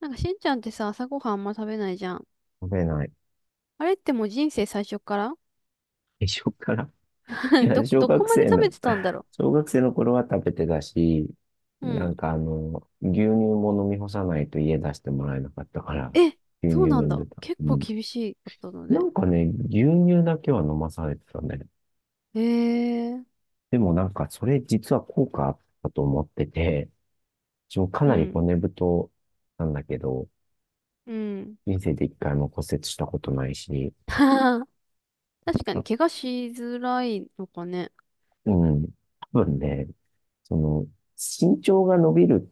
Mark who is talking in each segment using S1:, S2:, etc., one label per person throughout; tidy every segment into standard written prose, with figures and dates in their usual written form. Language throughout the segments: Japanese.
S1: なんかしんちゃんってさ、朝ごはんあんま食べないじゃん。
S2: 食べない。
S1: あれってもう人生最初から
S2: 一緒から。い や、小
S1: どこ
S2: 学
S1: まで
S2: 生
S1: 食
S2: の、
S1: べてたんだろ
S2: 小学生の頃は食べてたし、
S1: う。う
S2: な
S1: ん。
S2: んか牛乳も飲み干さないと家出してもらえなかったから、
S1: え、
S2: 牛
S1: そ
S2: 乳
S1: うな
S2: 飲
S1: ん
S2: んで
S1: だ。
S2: た。
S1: 結
S2: う
S1: 構
S2: ん。
S1: 厳しいことだ
S2: な
S1: ね。
S2: んかね、牛乳だけは飲まされてたね。
S1: へえ。
S2: でもなんか、それ実は効果あったと思ってて、一応か
S1: う
S2: なり
S1: ん。
S2: 骨太なんだけど、
S1: うん。
S2: 人生で一回も骨折したことないし、
S1: 確かに
S2: あ
S1: 怪我しづらいのかね。
S2: うん。多分ね、その、身長が伸びる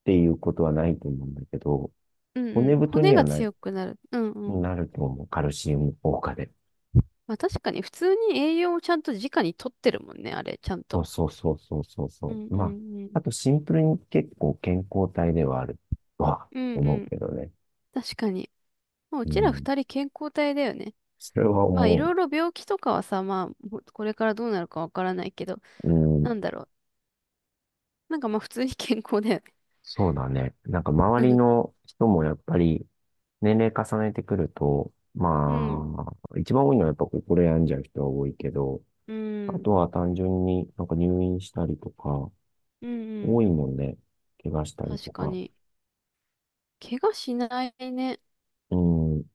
S2: っていうことはないと思うんだけど、
S1: うんう
S2: 骨
S1: ん。
S2: 太
S1: 骨
S2: には
S1: が強くなる。うんうん。
S2: なると思う。カルシウム効果で。
S1: まあ確かに普通に栄養をちゃんと直に取ってるもんね、あれ、ちゃん
S2: そ
S1: と。
S2: うそうそうそうそう
S1: う
S2: そ
S1: ん
S2: う。
S1: う
S2: まあ、
S1: んうん。
S2: あとシンプルに結構健康体ではあるとは
S1: うん
S2: 思
S1: う
S2: う
S1: ん。
S2: けどね。
S1: 確かに。もうう
S2: う
S1: ちら
S2: ん。
S1: 二人健康体だよね。
S2: それは
S1: まあい
S2: 思
S1: ろいろ病気とかはさ、まあほこれからどうなるかわからないけど、
S2: う。う
S1: な
S2: ん。
S1: んだろう。なんかまあ普通に健康だよね。
S2: そうだね。なんか周り の人もやっぱり年齢重ねてくると、
S1: うん、
S2: まあ、一番多いのはやっぱ心病んじゃう人は多いけど、
S1: う
S2: あ
S1: ん、
S2: とは単純になんか入院したりとか、
S1: うん、うん。
S2: 多いもんね。怪我したり
S1: 確
S2: と
S1: か
S2: か。
S1: に。怪我しないね。
S2: うん。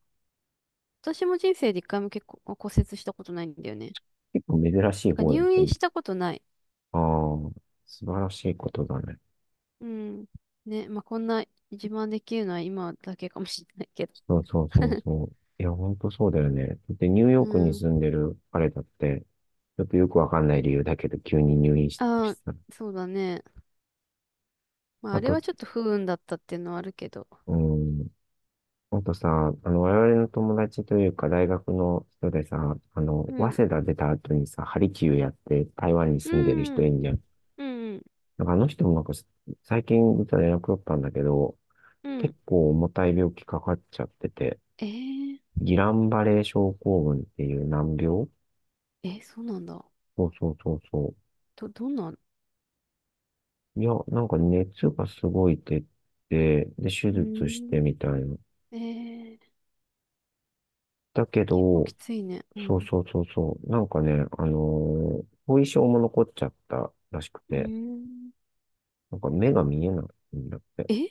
S1: 私も人生で一回も結構骨折したことないんだよね。
S2: 結構珍しい
S1: なんか
S2: 方だ
S1: 入
S2: と
S1: 院
S2: 思う。
S1: したことない。
S2: ああ、素晴らしいことだね。
S1: うん。ね、まあこんな自慢できるのは今だけかもしれないけど。
S2: そうそうそう そう。いや、ほんとそうだよね。で、ニューヨ
S1: う
S2: ークに
S1: ん。
S2: 住んでる彼だって、ちょっとよくわかんない理由だけど、急に入院したと
S1: あ
S2: し
S1: あ、
S2: たら。
S1: そうだね。まあ
S2: あ
S1: あれ
S2: と、
S1: はちょっと不運だったっていうのはあるけど。
S2: うん。あとさ、我々の友達というか、大学の人でさ、
S1: うん。
S2: 早稲田出た後にさ、ハリキューやって台湾に
S1: う
S2: 住んでる人いん
S1: ん。
S2: じゃん。
S1: うん。
S2: なんかあの人もなんか、最近実は連絡取ったんだけど、
S1: うん。
S2: 結構重たい病気かかっちゃってて、
S1: えー、
S2: ギランバレー症候群っていう難病
S1: え、そうなんだ。
S2: そうそうそうそ
S1: どんな、う
S2: う。いや、なんか熱がすごい出て、で、手
S1: ー
S2: 術し
S1: ん、
S2: てみたいな。
S1: えー、
S2: だけ
S1: 結構
S2: ど、
S1: きついね。う
S2: そう
S1: ん。
S2: そうそうそう。なんかね、後遺症も残っちゃったらしく
S1: う
S2: て、
S1: ーん。
S2: なんか目が見えないんだって。
S1: え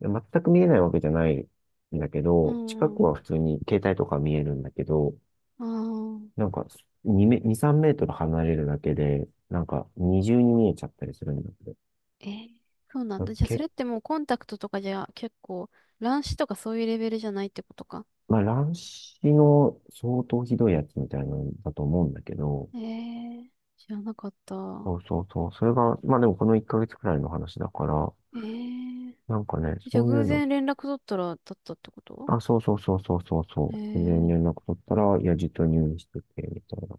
S2: で、全く見えないわけじゃないんだけ
S1: う
S2: ど、近く
S1: ん。
S2: は普通に携帯とか見えるんだけど、
S1: ああ、
S2: なんか2、3メートル離れるだけで、なんか二重に見えちゃったりするんだけ
S1: えー、そうなん
S2: ど。
S1: だ。じゃあ、それってもうコンタクトとかじゃ結構、乱視とかそういうレベルじゃないってことか。
S2: まあ、乱視の相当ひどいやつみたいなんだと思うんだけど、
S1: えー、知らなかった。
S2: そうそうそう、それが、まあでもこの1ヶ月くらいの話だから、
S1: えー、
S2: なんかね、
S1: じゃ
S2: そ
S1: あ、
S2: ういう
S1: 偶
S2: の、
S1: 然連絡取ったら、だったってこと
S2: あ、そうそうそうそうそうそ
S1: え
S2: う、全然
S1: ー、
S2: 連絡取ったら、いや、じはと入院してて、みたいな。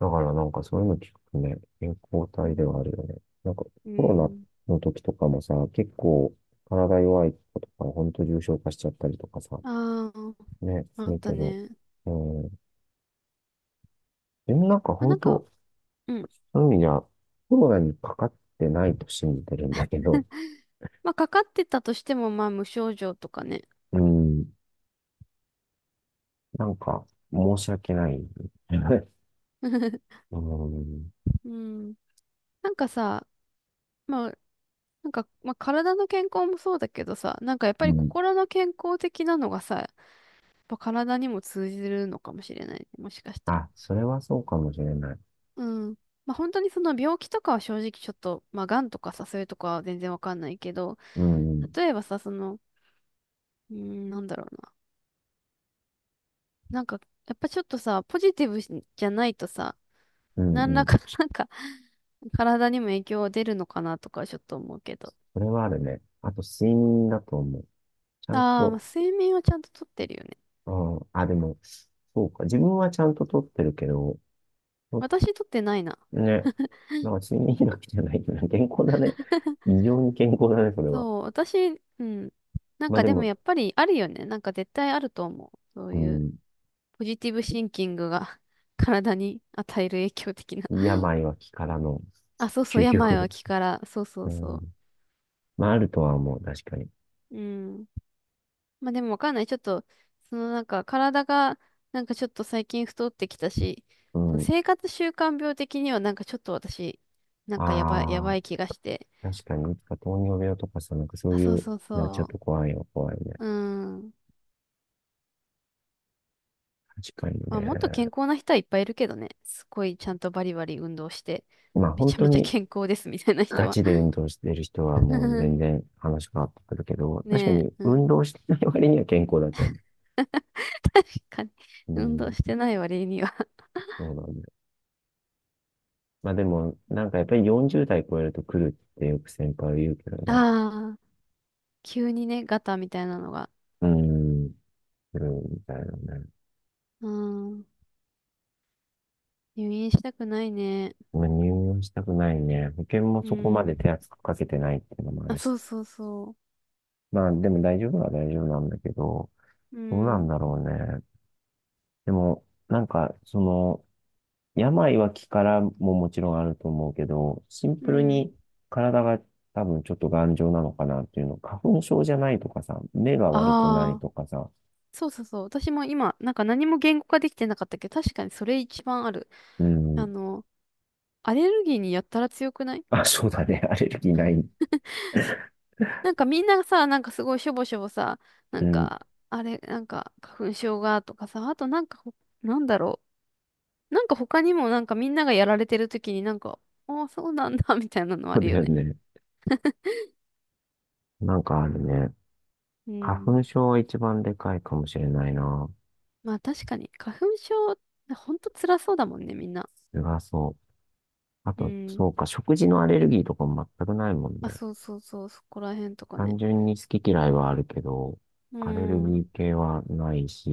S2: だからなんかそういうの聞くとね、健康
S1: う
S2: 体
S1: ん。
S2: ではあるよね。なんか
S1: う
S2: コロ
S1: ん。
S2: ナの時とかもさ、結構体弱い子とか、ほんと重症化しちゃったりとかさ、
S1: ああ、
S2: ね、
S1: あ
S2: す
S1: っ
S2: る
S1: た
S2: けど、
S1: ね。
S2: うん、でもなんか
S1: まあ、な
S2: 本
S1: んか、
S2: 当
S1: うん。
S2: そういう意味じゃ、コロナにかかってないと信じてるんだけど、
S1: まあ、かかってたとしても、まあ、無症状とかね。
S2: うん、なんか、申し訳ない。うん、
S1: うん。なんかさ、まあ、なんか、まあ、体の健康もそうだけどさ、なんかやっぱ
S2: う
S1: り
S2: ん。
S1: 心の健康的なのがさ、やっぱ体にも通じるのかもしれないね。もしかしたら。
S2: あ、それはそうかもしれない。
S1: うん。まあ、本当にその病気とかは正直ちょっと、まあ、癌とかさ、そういうとかは全然わかんないけど、
S2: うん、
S1: 例えばさ、その、うーん、なんだろうな。なんか、やっぱちょっとさ、ポジティブじゃないとさ、
S2: うん、
S1: 何
S2: う
S1: ら
S2: ん。
S1: か、なんか、体にも影響出るのかなとかちょっと思うけど。
S2: それはあるね。あと、睡眠だと思う。ちゃん
S1: ああ、まあ
S2: と、
S1: 睡眠はちゃんととってるよね。
S2: うん、あ、でも、そうか。自分はちゃんと取ってるけど、と
S1: 私とってないな。
S2: ね、なんか睡眠医学じゃないけど、健康だね。異常に健康だね、それは。
S1: そう、私、うん。なん
S2: まあ
S1: か
S2: で
S1: でも
S2: も、
S1: やっぱりあるよね。なんか絶対あると思う。そう
S2: う
S1: いう
S2: ん、
S1: ポジティブシンキングが 体に与える影響的な。
S2: 病は気からの
S1: あ、そうそう、
S2: 究
S1: 病は
S2: 極。
S1: 気から。そうそ
S2: う
S1: う
S2: ん。
S1: そ
S2: まあ、あるとは思う、確かに。
S1: う。うん。まあでもわかんない。ちょっと、そのなんか体がなんかちょっと最近太ってきたし、
S2: う
S1: その
S2: ん。
S1: 生活習慣病的にはなんかちょっと私、なんかやばい、や
S2: あ
S1: ば
S2: あ、
S1: い気がして。
S2: 確かに、いつか糖尿病とかさ、なんかそ
S1: あ、
S2: うい
S1: そう
S2: う
S1: そう
S2: のはちょっ
S1: そ
S2: と怖いよ、怖いね。
S1: う。うん。
S2: 確かに
S1: まあもっと健
S2: ね。
S1: 康な人はいっぱいいるけどね。すごいちゃんとバリバリ運動して、
S2: まあ、
S1: め
S2: 本
S1: ちゃ
S2: 当
S1: めちゃ
S2: に
S1: 健康ですみたいな人
S2: ガ
S1: は。
S2: チで運動してる人はもう全 然話変わってくるけど、
S1: ね
S2: 確かに
S1: え、うん。
S2: 運動してない割には健康だと思
S1: 確かに。
S2: う。う
S1: 運動
S2: ん、
S1: してない割には
S2: そうなんだよ。まあでも、なんか やっぱり40代超えると来るってよく先輩は言うけどね。
S1: ああ、急にね、ガタみたいなのが。
S2: うん、来るみたいなね。
S1: うん。入院したくないね。
S2: まあ入院したくないね。保険も
S1: う
S2: そこま
S1: ん。
S2: で手厚くかけてないっていうのもあ
S1: あ、
S2: る
S1: そ
S2: し。
S1: うそうそ
S2: まあでも大丈夫は大丈夫なんだけど、
S1: う。う
S2: どうなん
S1: ん。
S2: だろうね。でも、なんか、その、病は気からももちろんあると思うけど、シン
S1: う
S2: プル
S1: ん。
S2: に体が多分ちょっと頑丈なのかなっていうの。花粉症じゃないとかさ、目が悪くない
S1: ああ、
S2: とかさ、
S1: そうそうそう。私も今、なんか何も言語化できてなかったけど、確かにそれ一番ある。
S2: う
S1: あ
S2: ん。
S1: の、アレルギーにやったら強くない
S2: あ、そうだね。アレルギーない。
S1: なんかみんなさ、なんかすごいしょぼしょぼさ、な
S2: う
S1: ん
S2: ん。
S1: か、あれ、なんか花粉症がとかさ、あとなんかほ、なんだろう。なんか他にもなんかみんながやられてる時になんか、ああ、そうなんだ、みたいなのあ
S2: そう
S1: る
S2: だ
S1: よ
S2: よ
S1: ね。
S2: ね。なんかあるね。
S1: う
S2: 花
S1: ん。
S2: 粉症は一番でかいかもしれないな。
S1: まあ確かに、花粉症、ほんと辛そうだもんね、みんな。
S2: それはそう。あ
S1: う
S2: と、
S1: ん。
S2: そうか、食事のアレルギーとかも全くないもんね。
S1: あ、そうそうそう、そこら辺とか
S2: 単
S1: ね。
S2: 純に好き嫌いはあるけど、
S1: う
S2: アレルギ
S1: ん。
S2: ー系はないし、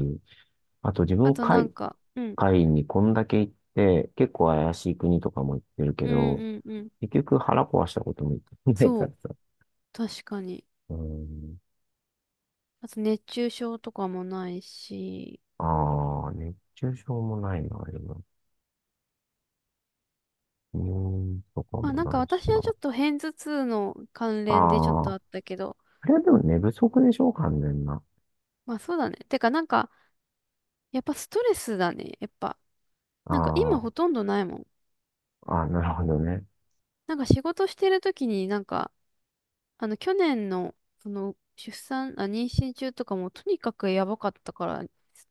S2: あと自
S1: あ
S2: 分
S1: となん
S2: 海
S1: か、うん、
S2: 会外にこんだけ行って、結構怪しい国とかも行ってるけ
S1: うん
S2: ど、
S1: うんうん。
S2: 結局腹壊したことも言ってない
S1: そ
S2: か
S1: う、
S2: らさ。
S1: 確かに。
S2: うーん。
S1: あと熱中症とかもないし。
S2: ああ、熱中症もないな、今。入院とか
S1: まあ
S2: も
S1: なん
S2: な
S1: か
S2: いし
S1: 私
S2: な。
S1: はちょっと片頭痛の関
S2: あ
S1: 連でちょっ
S2: あ、
S1: とあったけど。
S2: あれはでも寝不足でしょ、完全な。
S1: まあそうだね。てかなんか、やっぱストレスだね。やっぱ。なんか
S2: あ
S1: 今ほとんどないもん。
S2: あ、ああ、なるほどね。
S1: なんか仕事してる時になんか、あの去年の、その出産、あ、妊娠中とかもとにかくやばかったから、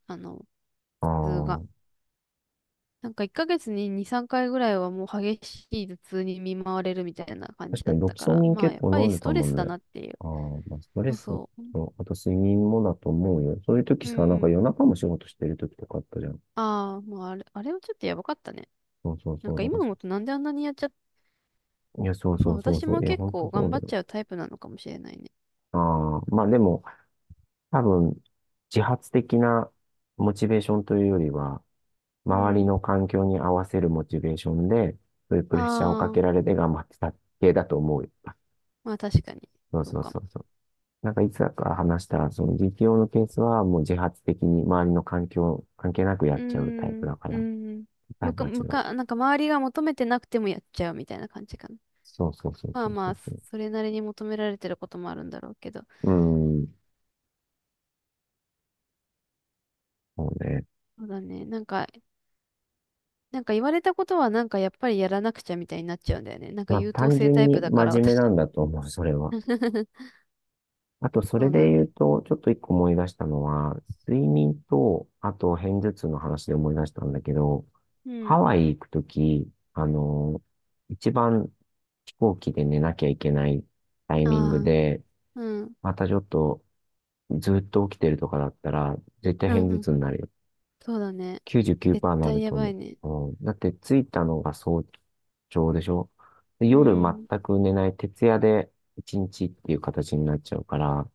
S1: あの、
S2: あ
S1: 頭痛が。
S2: あ、
S1: なんか1ヶ月に2、3回ぐらいはもう激しい頭痛に見舞われるみたいな感じ
S2: 確か
S1: だっ
S2: にロ
S1: た
S2: キ
S1: か
S2: ソ
S1: ら、
S2: ニン
S1: まあ
S2: 結
S1: やっ
S2: 構
S1: ぱり
S2: 飲んで
S1: ス
S2: た
S1: トレ
S2: もん
S1: スだ
S2: ね。
S1: なっていう。
S2: ああ、まあ、ストレ
S1: そう
S2: ス
S1: そう。
S2: と、あと睡眠もだと思うよ。そういう時
S1: うんう
S2: さ、なんか
S1: ん。
S2: 夜中も仕事してる時とかあったじゃん。
S1: ああ、まああれ、あれはちょっとやばかったね。
S2: そうそう
S1: なん
S2: そう。
S1: か
S2: だか
S1: 今
S2: らさ、
S1: 思うとなんであんなにやっちゃっ
S2: いや、そう
S1: ま
S2: そ
S1: あ、
S2: うそう
S1: 私
S2: そう。
S1: も
S2: いや、
S1: 結
S2: 本当
S1: 構
S2: そ
S1: 頑
S2: う
S1: 張
S2: だ
S1: っ
S2: よ。
S1: ちゃうタイプなのかもしれないね。
S2: ああ、まあでも、多分、自発的なモチベーションというよりは、
S1: う
S2: 周り
S1: ん。
S2: の環境に合わせるモチベーションで、そういうプ
S1: あ
S2: レッシャーをか
S1: あ、
S2: けられて頑張ってた系だと思うよ。
S1: まあ確かに。
S2: そう
S1: そう
S2: そう
S1: か
S2: そ
S1: も。
S2: うそう。なんかいつだか話した、その実用のケースはもう自発的に周りの環境関係なくや
S1: うー
S2: っちゃうタイプ
S1: ん、
S2: だか
S1: う
S2: ら、
S1: ん。
S2: タイ
S1: む
S2: プ
S1: か、
S2: は違
S1: む
S2: う。
S1: か、なんか周りが求めてなくてもやっちゃうみたいな感じかな。
S2: そうそうそう
S1: まあ
S2: そうそ
S1: ま
S2: う
S1: あ、
S2: そ
S1: それなりに求められてることもあるんだろうけど。
S2: う。うーん、そうね。
S1: そうだね。なんか言われたことはなんかやっぱりやらなくちゃみたいになっちゃうんだよね。なんか
S2: まあ
S1: 優等
S2: 単
S1: 生タ
S2: 純
S1: イ
S2: に
S1: プだか
S2: 真
S1: ら
S2: 面目な
S1: 私
S2: んだと思う、それは。あとそ
S1: そ
S2: れ
S1: うな
S2: で
S1: ん
S2: 言
S1: で。
S2: うと、ちょっと一個思い出したのは、睡眠と、あと片頭痛の話で思い出したんだけど、
S1: う
S2: ハ
S1: ん。
S2: ワイ行くとき、あの、一番飛行機で寝なきゃいけないタイミング
S1: ああ、
S2: で、
S1: うん。
S2: またちょっとずっと起きてるとかだったら、絶対
S1: う
S2: 片
S1: んう
S2: 頭
S1: ん。
S2: 痛になるよ。
S1: そうだね。絶
S2: 99%にな
S1: 対
S2: る
S1: や
S2: と
S1: ばい
S2: 思
S1: ね。
S2: う。うん、だって着いたのが早朝でしょで
S1: う
S2: 夜
S1: ん。
S2: 全く寝ない徹夜で一日っていう形になっちゃうから、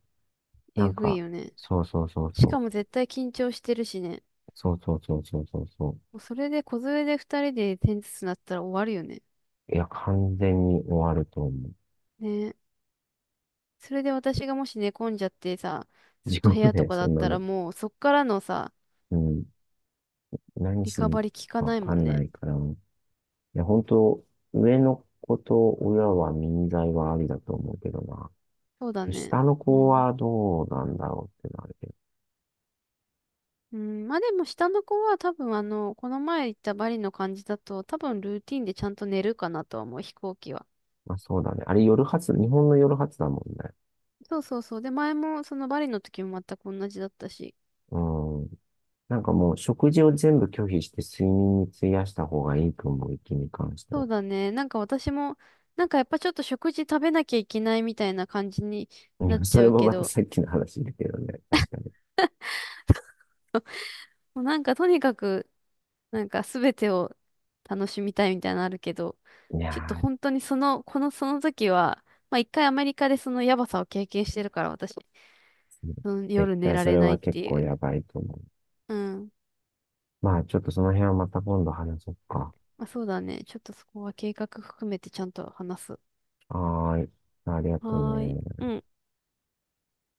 S2: な
S1: え
S2: ん
S1: ぐい
S2: か、
S1: よね。
S2: そうそうそう
S1: しか
S2: そ
S1: も絶対緊張してるしね。
S2: う。そうそうそうそうそうそ
S1: もうそれで小連れで二人で点ずつなったら終わるよね。
S2: う。いや、完全に終わると思
S1: ね。それで私がもし寝込んじゃってさ、
S2: う。
S1: ずっ
S2: 地
S1: と部
S2: 獄
S1: 屋と
S2: で、
S1: か
S2: そ
S1: だっ
S2: んな
S1: たら
S2: の。
S1: もうそっからのさ、
S2: うん。何
S1: リ
S2: し
S1: カ
S2: に
S1: バリー効か
S2: かわ
S1: ない
S2: か
S1: もん
S2: んな
S1: ね。
S2: いから。いや、本当上の子と親は民財はありだと思うけどな。
S1: そうだね。
S2: 下の
S1: う
S2: 子
S1: ん。
S2: はどうなんだろうってのあるけど。
S1: うん、まあでも下の子は多分あの、この前行ったバリの感じだと多分ルーティンでちゃんと寝るかなとは思う、飛行機は。
S2: まあそうだね。あれ夜発、日本の夜発だもんね。
S1: そうそうそう。で、前もそのバリの時も全く同じだったし。
S2: うん。なんかもう食事を全部拒否して睡眠に費やした方がいいと思う、息に関して
S1: そ
S2: は。
S1: うだね。なんか私も、なんかやっぱちょっと食事食べなきゃいけないみたいな感じに
S2: い
S1: なっ
S2: や、そ
S1: ちゃ
S2: れ
S1: う
S2: も
S1: け
S2: また
S1: ど、
S2: さっきの話だけどね。確かに。
S1: もうなんかとにかく、なんか全てを楽しみたいみたいなのあるけど、
S2: いや
S1: ちょっと
S2: ー、
S1: 本当にその、このその時は、まあ一回アメリカでそのやばさを経験してるから私、その
S2: 絶
S1: 夜寝
S2: 対
S1: ら
S2: そ
S1: れ
S2: れ
S1: ない
S2: は
S1: っ
S2: 結
S1: てい
S2: 構
S1: う。
S2: やばいと思う。
S1: うん。
S2: まあちょっとその辺はまた今度話そうか。
S1: あ、そうだね。ちょっとそこは計画含めてちゃんと話す。は
S2: はーい。ありがとう
S1: ーい。
S2: ね。
S1: うん